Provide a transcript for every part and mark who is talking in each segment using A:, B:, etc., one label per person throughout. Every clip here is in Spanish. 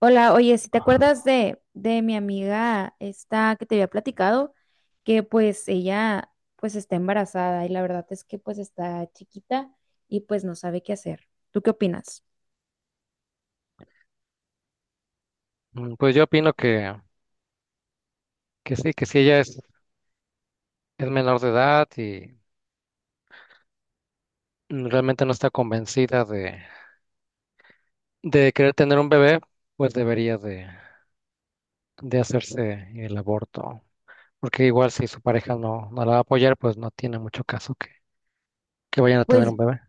A: Hola, oye, si te acuerdas de mi amiga esta que te había platicado, que pues ella pues está embarazada y la verdad es que pues está chiquita y pues no sabe qué hacer. ¿Tú qué opinas?
B: Pues yo opino que sí, que si ella es menor de edad y realmente no está convencida de querer tener un bebé, pues debería de hacerse el aborto. Porque igual si su pareja no, no la va a apoyar, pues no tiene mucho caso que vayan a tener
A: Pues,
B: un bebé.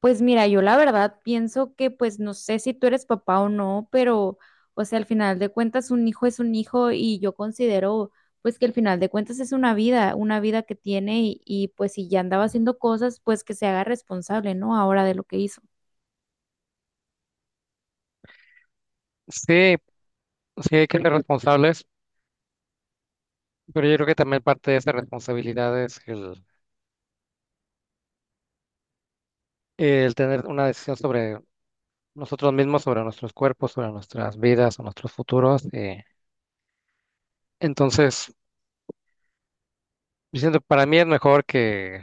A: pues mira, yo la verdad pienso que pues no sé si tú eres papá o no, pero o sea, al final de cuentas un hijo es un hijo y yo considero pues que al final de cuentas es una vida que tiene y pues si ya andaba haciendo cosas, pues que se haga responsable, ¿no? Ahora de lo que hizo.
B: Sí, sí hay que ser responsables, pero yo creo que también parte de esa responsabilidad es el tener una decisión sobre nosotros mismos, sobre nuestros cuerpos, sobre nuestras vidas, o nuestros futuros. Entonces, yo siento que para mí es mejor que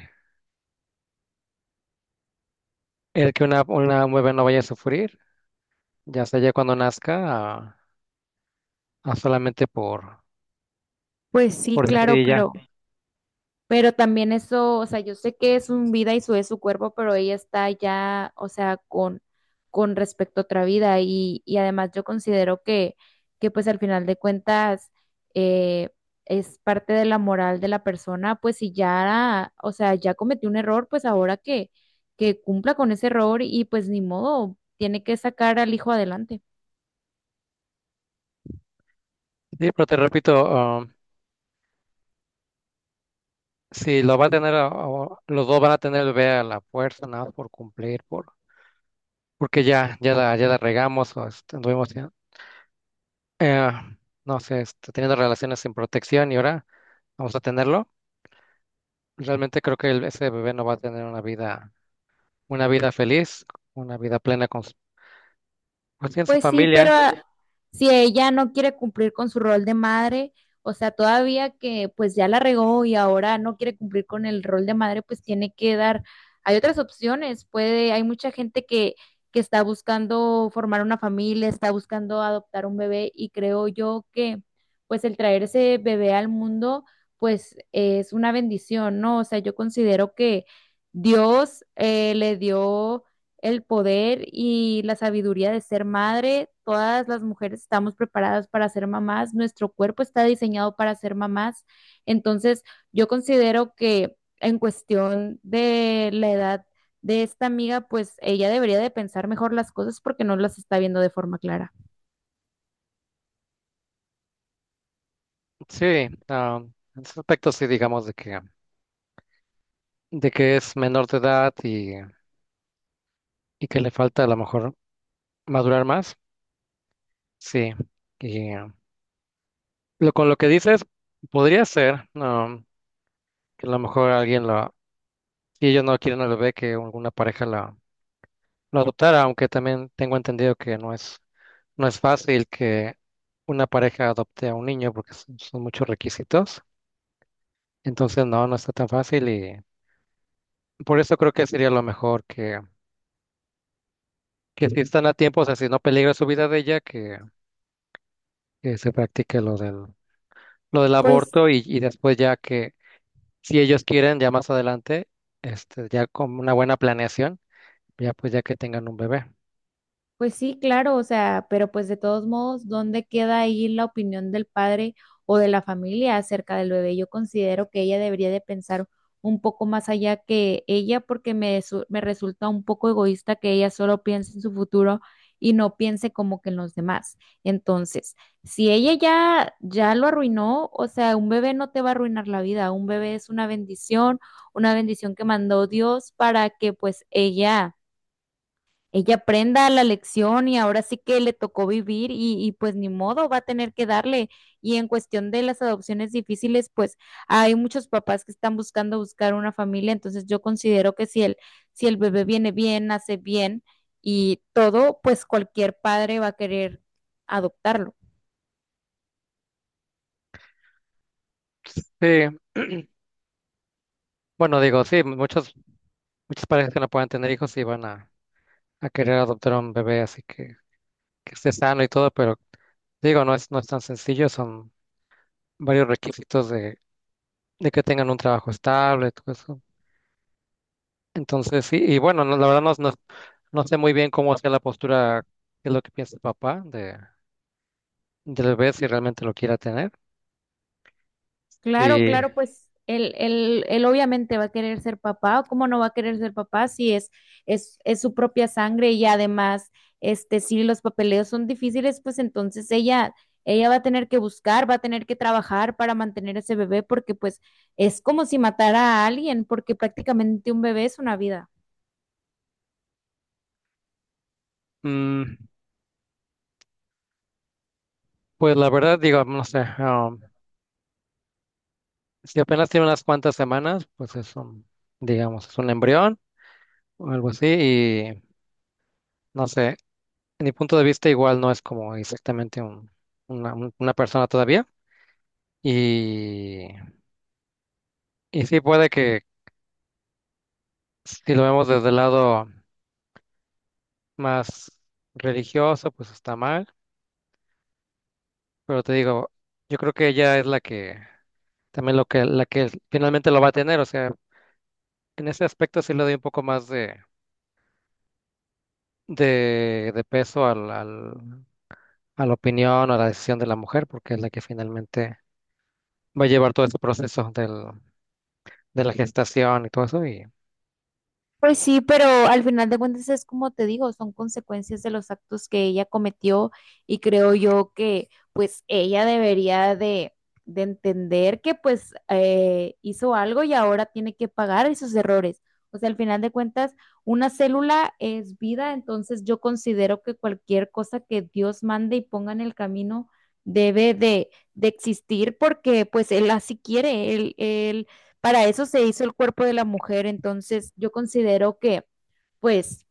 B: el que una mueve no vaya a sufrir, ya sea ya cuando nazca, a, a solamente por,
A: Pues sí,
B: por ujú, decir
A: claro,
B: y ya.
A: pero también eso, o sea, yo sé que es su vida y su es su cuerpo, pero ella está ya, o sea, con respecto a otra vida y además yo considero que pues al final de cuentas eh, es parte de la moral de la persona, pues si ya, o sea, ya cometió un error, pues ahora que cumpla con ese error y pues ni modo, tiene que sacar al hijo adelante.
B: Sí, pero te repito, si lo va a tener, o los dos van a tener el bebé a la fuerza, nada más por cumplir, porque ya, ya la regamos o este, anduvimos ya, eh, no sé, este, teniendo relaciones sin protección y ahora vamos a tenerlo. Realmente creo que ese bebé no va a tener una vida feliz, una vida plena con su, pues, sí, en su
A: Pues sí, pero
B: familia.
A: si ella no quiere cumplir con su rol de madre, o sea, todavía que pues ya la regó y ahora no quiere cumplir con el rol de madre, pues tiene que dar, hay otras opciones, puede, hay mucha gente que está buscando formar una familia, está buscando adoptar un bebé y creo yo que pues el traer ese bebé al mundo, pues es una bendición, ¿no? O sea, yo considero que Dios le dio el poder y la sabiduría de ser madre. Todas las mujeres estamos preparadas para ser mamás, nuestro cuerpo está diseñado para ser mamás. Entonces, yo considero que en cuestión de la edad de esta amiga, pues ella debería de pensar mejor las cosas porque no las está viendo de forma clara.
B: Sí, en ese aspecto sí, digamos, de que es menor de edad y que le falta a lo mejor madurar más. Sí, y lo, con lo que dices, podría ser que a lo mejor alguien lo, si ellos no quieren al bebé, que alguna pareja la, lo adoptara, aunque también tengo entendido que no es fácil que una pareja adopte a un niño porque son muchos requisitos. Entonces, no, no está tan fácil y por eso creo que sería lo mejor que si están a tiempo, o sea, si no peligra su vida de ella, que se practique lo del
A: Pues
B: aborto y después ya que, si ellos quieren, ya más adelante, este, ya con una buena planeación, ya pues ya que tengan un bebé.
A: pues sí, claro, o sea, pero pues de todos modos, ¿dónde queda ahí la opinión del padre o de la familia acerca del bebé? Yo considero que ella debería de pensar un poco más allá que ella porque me, me resulta un poco egoísta que ella solo piense en su futuro y no piense como que en los demás. Entonces, si ella ya, ya lo arruinó, o sea, un bebé no te va a arruinar la vida, un bebé es una bendición que mandó Dios para que pues ella aprenda la lección y ahora sí que le tocó vivir y pues ni modo, va a tener que darle. Y en cuestión de las adopciones difíciles, pues hay muchos papás que están buscando buscar una familia, entonces yo considero que si el, si el bebé viene bien, nace bien y todo, pues cualquier padre va a querer adoptarlo.
B: Sí, bueno, digo, sí, muchos, muchas parejas que no puedan tener hijos sí van a querer adoptar a un bebé, así que esté sano y todo, pero digo, no es tan sencillo, son varios requisitos de que tengan un trabajo estable. Entonces, sí, y bueno, no, la verdad no, no, no sé muy bien cómo sea la postura, qué es lo que piensa el papá del bebé, si realmente lo quiera tener.
A: Claro,
B: Y
A: claro, pues él obviamente va a querer ser papá. ¿Cómo no va a querer ser papá si es, es su propia sangre? Y además, este, si los papeleos son difíciles, pues entonces ella va a tener que buscar, va a tener que trabajar para mantener ese bebé, porque pues es como si matara a alguien, porque prácticamente un bebé es una vida.
B: mm, pues la verdad, digo, no sé, si apenas tiene unas cuantas semanas, pues es un, digamos, es un embrión o algo así, y no sé, en mi punto de vista igual no es como exactamente un, una, una persona todavía. Y, y sí puede que si lo vemos desde el lado más religioso, pues está mal. Pero te digo, yo creo que ella es la que también lo que la que finalmente lo va a tener. O sea, en ese aspecto sí le doy un poco más de peso a la opinión o a la decisión de la mujer, porque es la que finalmente va a llevar todo este proceso del, de la gestación y todo eso. Y
A: Pues sí, pero al final de cuentas es como te digo, son consecuencias de los actos que ella cometió y creo yo que pues ella debería de entender que pues hizo algo y ahora tiene que pagar esos errores. O sea, al final de cuentas, una célula es vida, entonces yo considero que cualquier cosa que Dios mande y ponga en el camino debe de existir porque pues él así quiere, él para eso se hizo el cuerpo de la mujer, entonces yo considero que, pues,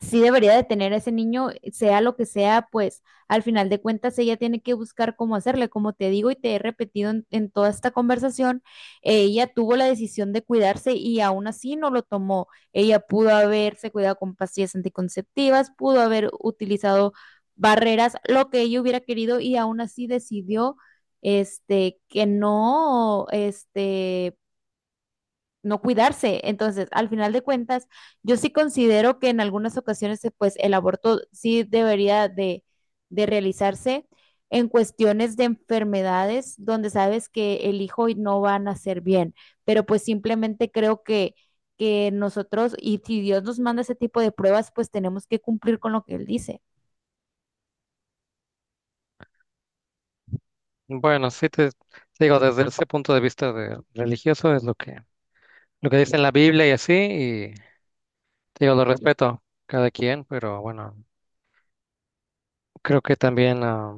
A: sí debería de tener a ese niño, sea lo que sea, pues, al final de cuentas ella tiene que buscar cómo hacerle, como te digo y te he repetido en toda esta conversación, ella tuvo la decisión de cuidarse y aún así no lo tomó. Ella pudo haberse cuidado con pastillas anticonceptivas, pudo haber utilizado barreras, lo que ella hubiera querido y aún así decidió este que no este no cuidarse. Entonces, al final de cuentas, yo sí considero que en algunas ocasiones, pues, el aborto sí debería de realizarse en cuestiones de enfermedades donde sabes que el hijo no va a nacer bien, pero pues simplemente creo que nosotros, y si Dios nos manda ese tipo de pruebas, pues tenemos que cumplir con lo que Él dice.
B: bueno, sí te, digo, desde ese punto de vista de religioso es lo que dice en la Biblia y así, y te digo, lo respeto cada quien, pero bueno, creo que también.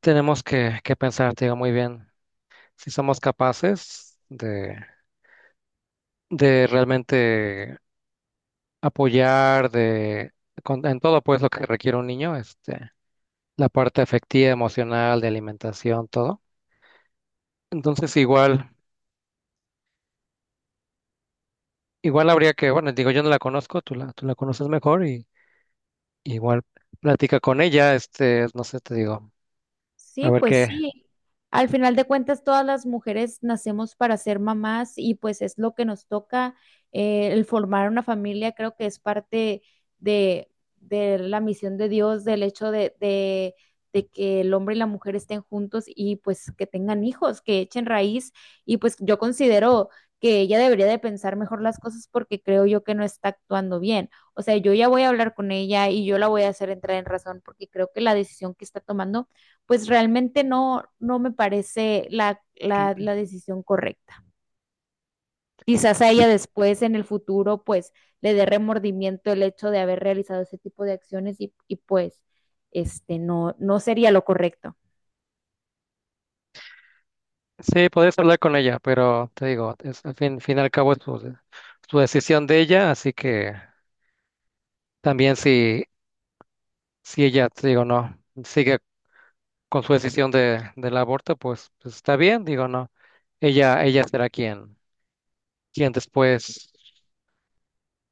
B: Tenemos que pensar, te digo, muy bien, si somos capaces de realmente apoyar en todo pues lo que requiere un niño, este, la parte afectiva, emocional, de alimentación, todo. Entonces igual, igual habría que, bueno, digo, yo no la conozco, tú la conoces mejor y igual platica con ella, este, no sé, te digo, a
A: Sí,
B: ver
A: pues
B: qué.
A: sí. Al final de cuentas, todas las mujeres nacemos para ser mamás y pues es lo que nos toca. El formar una familia creo que es parte de, de la misión de Dios, del hecho de que el hombre y la mujer estén juntos y pues que tengan hijos, que echen raíz. Y pues yo considero que ella debería de pensar mejor las cosas porque creo yo que no está actuando bien. O sea, yo ya voy a hablar con ella y yo la voy a hacer entrar en razón porque creo que la decisión que está tomando pues realmente no, no me parece la decisión correcta. Quizás a ella después, en el futuro, pues le dé remordimiento el hecho de haber realizado ese tipo de acciones y pues este, no, no sería lo correcto.
B: Sí, podés hablar con ella, pero te digo, es, al fin y al cabo es su, su decisión de ella, así que también si si ella, te digo, no, sigue con su decisión del aborto, pues, pues está bien, digo, no. Ella será quien después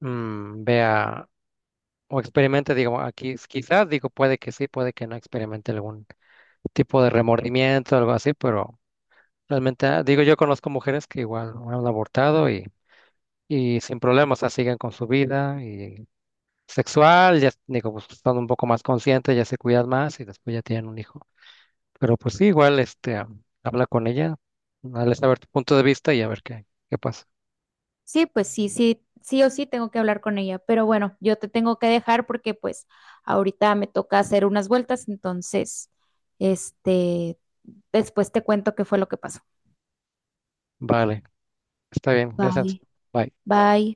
B: vea o experimente, digo, aquí quizás, digo, puede que sí, puede que no experimente algún tipo de remordimiento, algo así, pero realmente, digo, yo conozco mujeres que igual han abortado y sin problemas, o sea, siguen con su vida y sexual, ya, digo, pues, son un poco más conscientes, ya se cuidan más y después ya tienen un hijo. Pero pues sí, igual, este, habla con ella, dale saber tu punto de vista y a ver qué pasa.
A: Sí, pues sí, sí, sí o sí tengo que hablar con ella, pero bueno, yo te tengo que dejar porque pues ahorita me toca hacer unas vueltas, entonces, este, después te cuento qué fue lo que pasó.
B: Vale, está bien, gracias.
A: Bye,
B: Bye.
A: bye.